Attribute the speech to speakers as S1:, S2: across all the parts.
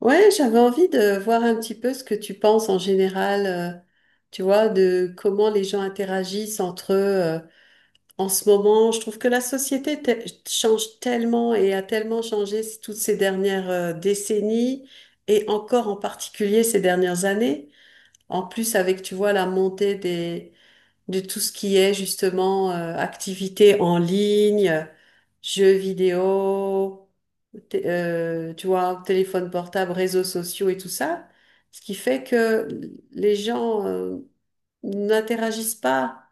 S1: Ouais, j'avais envie de voir un petit peu ce que tu penses en général, tu vois, de comment les gens interagissent entre eux. En ce moment, je trouve que la société change tellement et a tellement changé toutes ces dernières décennies et encore en particulier ces dernières années. En plus, avec, tu vois, la montée de tout ce qui est justement activités en ligne, jeux vidéo, tu vois, téléphone portable, réseaux sociaux et tout ça, ce qui fait que les gens n'interagissent pas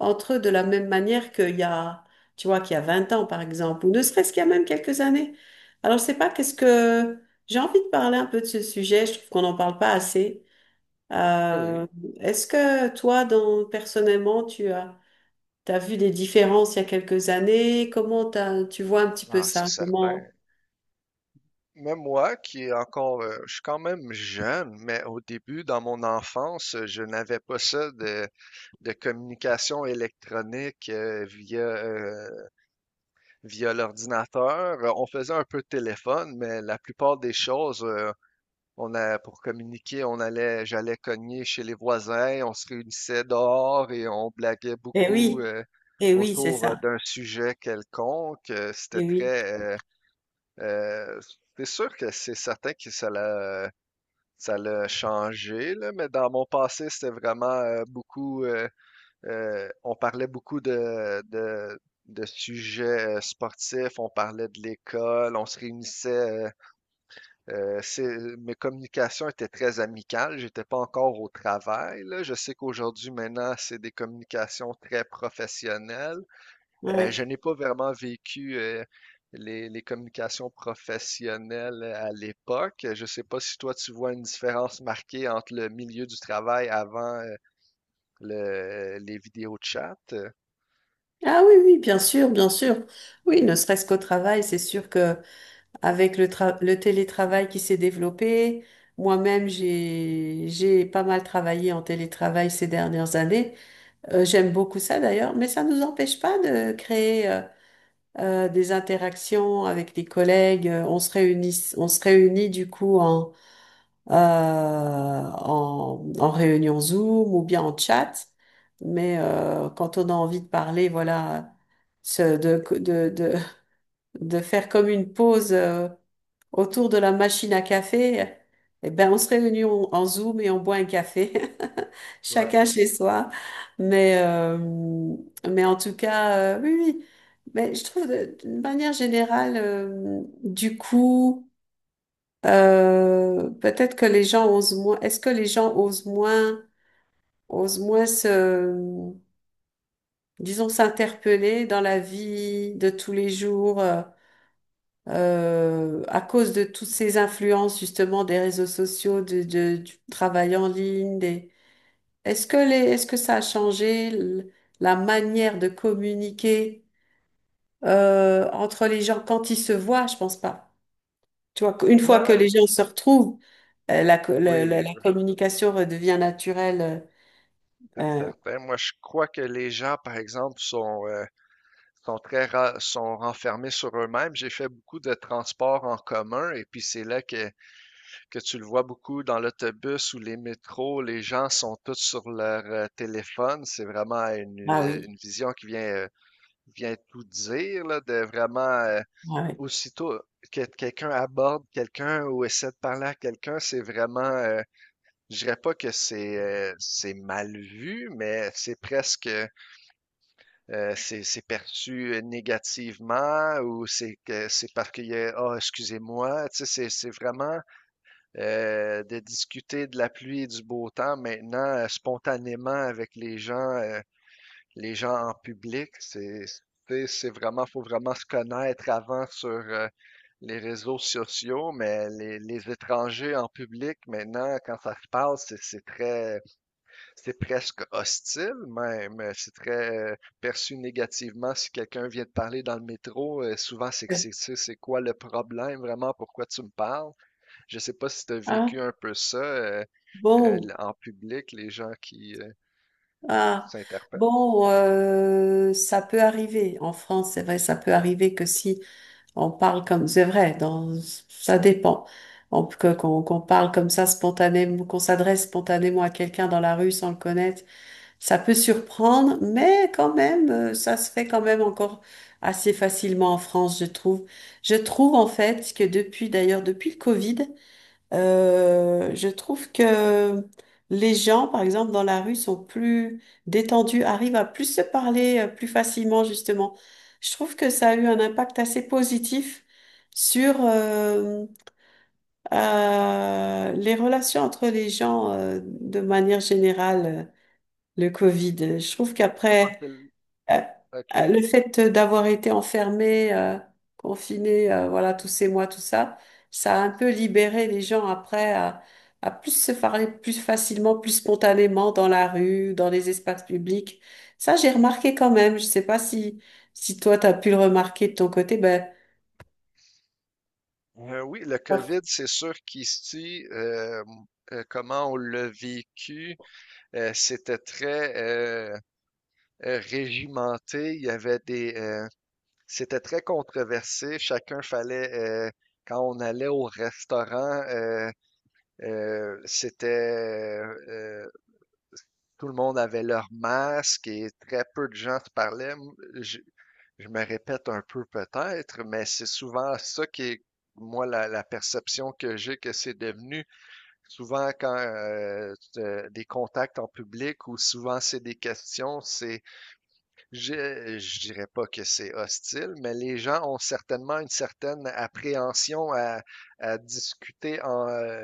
S1: entre eux de la même manière qu'il y a, tu vois, qu'il y a 20 ans par exemple, ou ne serait-ce qu'il y a même quelques années. Alors, je sais pas qu'est-ce que j'ai envie de parler un peu de ce sujet, je trouve qu'on n'en parle pas assez.
S2: Oui,
S1: Euh, Est-ce que toi, dans, personnellement, t'as vu des différences il y a quelques années? Comment tu vois un petit peu
S2: ah, c'est
S1: ça?
S2: certain.
S1: Comment?
S2: Même moi, qui est encore, je suis quand même jeune, mais au début, dans mon enfance, je n'avais pas ça de communication électronique via, via l'ordinateur. On faisait un peu de téléphone, mais la plupart des choses, on a, pour communiquer, on allait, j'allais cogner chez les voisins, on se réunissait dehors et on blaguait
S1: Eh
S2: beaucoup,
S1: oui, eh oui, c'est
S2: autour
S1: ça.
S2: d'un sujet quelconque. C'était
S1: Eh oui,
S2: très, Euh, c'est sûr que c'est certain que ça l'a changé, là, mais dans mon passé, c'était vraiment beaucoup. On parlait beaucoup de sujets sportifs, on parlait de l'école, on se réunissait. Mes communications étaient très amicales. J'étais pas encore au travail, là. Je sais qu'aujourd'hui, maintenant, c'est des communications très professionnelles. Je
S1: ouais.
S2: n'ai pas vraiment vécu les communications professionnelles à l'époque. Je ne sais pas si toi, tu vois une différence marquée entre le milieu du travail avant les vidéos de chat.
S1: Ah oui, oui, bien sûr, bien sûr. Oui, ne serait-ce qu'au travail, c'est sûr que avec le télétravail qui s'est développé, moi-même, j'ai pas mal travaillé en télétravail ces dernières années. J'aime beaucoup ça d'ailleurs, mais ça ne nous empêche pas de créer. Des interactions avec les collègues. On se réunit du coup en réunion Zoom ou bien en chat. Mais quand on a envie de parler, voilà, se- de, de, de, de faire comme une pause. Autour de la machine à café, eh ben, on se réunit en Zoom et on boit un café, chacun chez soi. Mais, euh, mais en tout cas, oui, oui. Mais je trouve, d'une manière générale, du coup, peut-être que les gens osent moins. Est-ce que les gens osent moins, osent moins se, disons, s'interpeller dans la vie de tous les jours? À cause de toutes ces influences justement des réseaux sociaux, du travail en ligne, des... Est-ce que est-ce que ça a changé la manière de communiquer entre les gens quand ils se voient? Je pense pas. Tu vois, une fois que
S2: Ouais,
S1: les gens se retrouvent, la,
S2: oui,
S1: la communication redevient naturelle.
S2: c'est
S1: Euh, euh,
S2: certain. Moi, je crois que les gens, par exemple, sont, sont renfermés sur eux-mêmes. J'ai fait beaucoup de transports en commun et puis c'est là que tu le vois beaucoup dans l'autobus ou les métros, les gens sont tous sur leur téléphone. C'est vraiment
S1: ah oui,
S2: une vision qui vient, vient tout dire, là, de vraiment
S1: ah oui.
S2: aussitôt que quelqu'un aborde quelqu'un ou essaie de parler à quelqu'un, c'est vraiment, je dirais pas que c'est mal vu, mais c'est presque c'est perçu négativement ou c'est que c'est parce qu'il y a, ah, excusez-moi, tu sais, c'est vraiment de discuter de la pluie et du beau temps maintenant spontanément avec les gens en public. C'est vraiment, faut vraiment se connaître avant sur les réseaux sociaux, mais les étrangers en public maintenant, quand ça se parle, c'est très, c'est presque hostile même. C'est très perçu négativement si quelqu'un vient de parler dans le métro. Souvent, c'est que
S1: Euh,
S2: c'est quoi le problème vraiment? Pourquoi tu me parles? Je sais pas si tu as vécu
S1: Ah,
S2: un peu ça
S1: bon,
S2: en public, les gens qui
S1: ah,
S2: s'interpellent.
S1: bon, ça peut arriver. En France, c'est vrai, ça peut arriver que si on parle comme, c'est vrai, dans, ça dépend. Qu'on parle comme ça spontanément, qu'on s'adresse spontanément à quelqu'un dans la rue sans le connaître, ça peut surprendre, mais quand même, ça se fait quand même encore assez facilement en France, je trouve. Je trouve en fait que depuis, d'ailleurs, depuis le Covid, je trouve que les gens, par exemple, dans la rue, sont plus détendus, arrivent à plus se parler plus facilement, justement. Je trouve que ça a eu un impact assez positif sur les relations entre les gens de manière générale, le Covid. Je trouve
S2: En
S1: qu'après...
S2: quel-
S1: Euh,
S2: OK.
S1: Le fait d'avoir été enfermé, confiné, voilà, tous ces mois, tout ça, ça a un peu libéré les gens après à plus se parler plus facilement, plus spontanément dans la rue, dans les espaces publics. Ça, j'ai remarqué quand même. Je sais pas si, si toi, tu as pu le remarquer de ton côté. Ben,
S2: Oui, le COVID, c'est sûr qu'ici, comment on l'a vécu, c'était très régimenté. Il y avait des, c'était très controversé. Chacun fallait, euh, quand on allait au restaurant, c'était euh, tout le monde avait leur masque et très peu de gens se parlaient. Je, je me répète un peu peut-être, mais c'est souvent ça qui est, moi, la perception que j'ai que c'est devenu. Souvent, quand des contacts en public ou souvent c'est des questions, c'est, je dirais pas que c'est hostile, mais les gens ont certainement une certaine appréhension à discuter en, euh,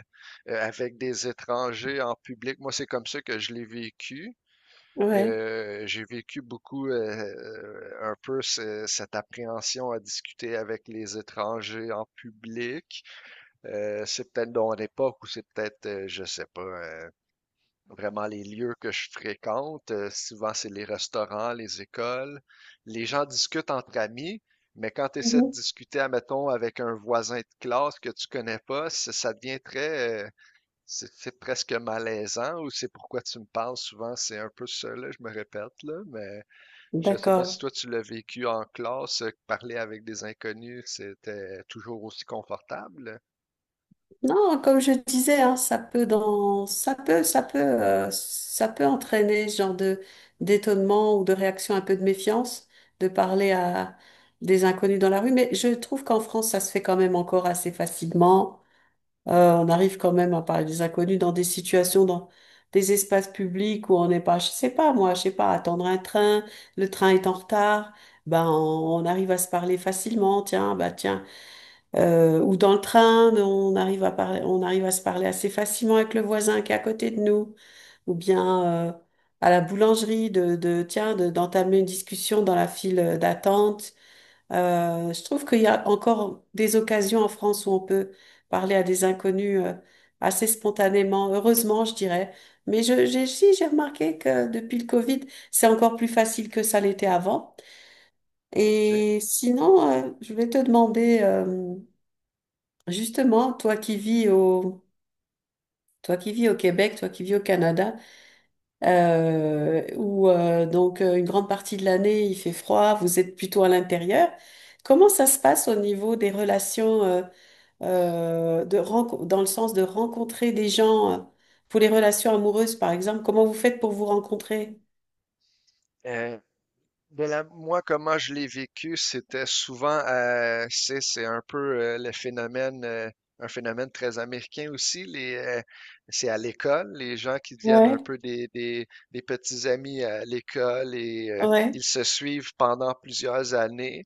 S2: euh, avec des étrangers en public. Moi, c'est comme ça que je l'ai vécu.
S1: ouais.
S2: J'ai vécu beaucoup un peu cette appréhension à discuter avec les étrangers en public. C'est peut-être dans l'époque ou c'est peut-être, je sais pas, vraiment les lieux que je fréquente. Souvent, c'est les restaurants, les écoles. Les gens discutent entre amis, mais quand tu essaies de
S1: Mhm.
S2: discuter, admettons, avec un voisin de classe que tu connais pas, ça devient très, c'est presque malaisant ou c'est pourquoi tu me parles souvent, c'est un peu ça, là, je me répète, là, mais je sais pas
S1: D'accord.
S2: si toi tu l'as vécu en classe, que parler avec des inconnus, c'était toujours aussi confortable.
S1: Non, comme je disais, hein, ça peut dans, ça peut entraîner ce genre de d'étonnement ou de réaction un peu de méfiance de parler à des inconnus dans la rue. Mais je trouve qu'en France, ça se fait quand même encore assez facilement. On arrive quand même à parler des inconnus dans des situations, dans des espaces publics où on n'est pas, je sais pas, moi, je sais pas, attendre un train, le train est en retard, on arrive à se parler facilement. Tiens, bah tiens. Ou dans le train, on arrive à parler, on arrive à se parler assez facilement avec le voisin qui est à côté de nous, ou bien à la boulangerie de tiens, d'entamer une discussion dans la file d'attente. Je trouve qu'il y a encore des occasions en France où on peut parler à des inconnus assez spontanément, heureusement, je dirais. Mais si, j'ai remarqué que depuis le Covid, c'est encore plus facile que ça l'était avant.
S2: OK.
S1: Et sinon, je vais te demander. Justement, toi qui vis au Québec, toi qui vis au Canada, où donc une grande partie de l'année il fait froid, vous êtes plutôt à l'intérieur. Comment ça se passe au niveau des relations dans le sens de rencontrer des gens pour les relations amoureuses, par exemple? Comment vous faites pour vous rencontrer?
S2: Euh, de la moi, comment je l'ai vécu, c'était souvent, c'est un peu le phénomène, un phénomène très américain aussi. Les, c'est à l'école, les gens qui deviennent un
S1: Ouais,
S2: peu des petits amis à l'école et
S1: ouais.
S2: ils se suivent pendant plusieurs années.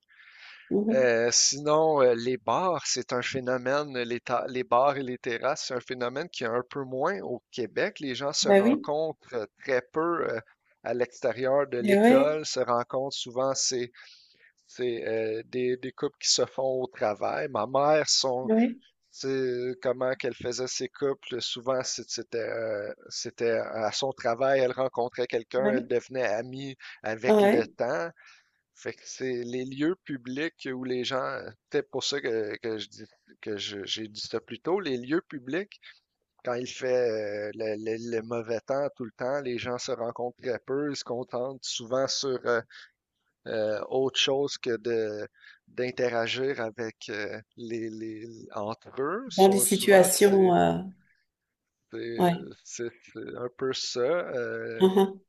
S1: Mhm.
S2: Sinon, les bars, c'est un phénomène, les bars et les terrasses, c'est un phénomène qui est un peu moins au Québec. Les gens se
S1: Ben oui,
S2: rencontrent très peu à l'extérieur de
S1: mais ouais,
S2: l'école, se rencontrent souvent, des couples qui se font au travail. Ma mère,
S1: ouais,
S2: c'est comment qu'elle faisait ses couples, souvent c'était c'était à son travail, elle rencontrait quelqu'un, elle
S1: ouais,
S2: devenait amie avec le
S1: ouais.
S2: temps. Fait que c'est les lieux publics où les gens, peut-être pour ça que je dis que j'ai dit ça plus tôt, les lieux publics, quand il fait le mauvais temps tout le temps, les gens se rencontrent très peu, ils se contentent souvent sur autre chose que de d'interagir avec les entre eux.
S1: Dans des
S2: Sont, souvent
S1: situations,
S2: c'est c'est un peu ça.
S1: ouais.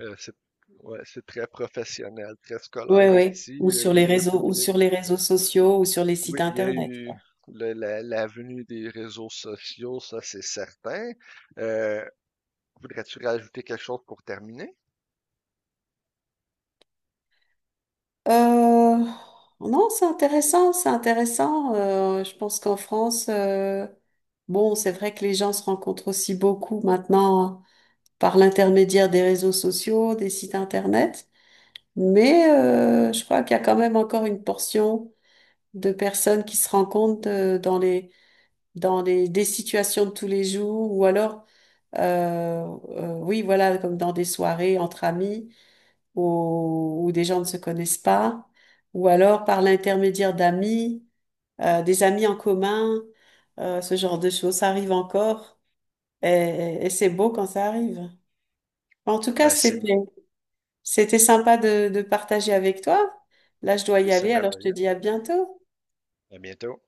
S2: C'est Ouais, c'est très professionnel, très
S1: Ouais,
S2: scolaire
S1: ouais.
S2: ici,
S1: Ou sur
S2: les
S1: les
S2: lieux
S1: réseaux, ou
S2: publics.
S1: sur les réseaux sociaux, ou sur les
S2: Oui,
S1: sites
S2: il y a
S1: internet.
S2: eu
S1: Quoi.
S2: la venue des réseaux sociaux, ça c'est certain. Euh, voudrais-tu rajouter quelque chose pour terminer?
S1: Euh, non, c'est intéressant, c'est intéressant. Je pense qu'en France, bon, c'est vrai que les gens se rencontrent aussi beaucoup maintenant par l'intermédiaire des réseaux sociaux, des sites internet, mais je crois qu'il y a quand même encore une portion de personnes qui se rencontrent dans les des situations de tous les jours ou alors oui, voilà, comme dans des soirées entre amis où, où des gens ne se connaissent pas, ou alors par l'intermédiaire d'amis, des amis en commun, ce genre de choses, ça arrive encore et c'est beau quand ça arrive. En tout cas,
S2: Ben, c'est, oui,
S1: c'était, c'était sympa de partager avec toi. Là, je dois y
S2: c'est
S1: aller, alors je te
S2: merveilleux.
S1: dis à bientôt.
S2: À bientôt.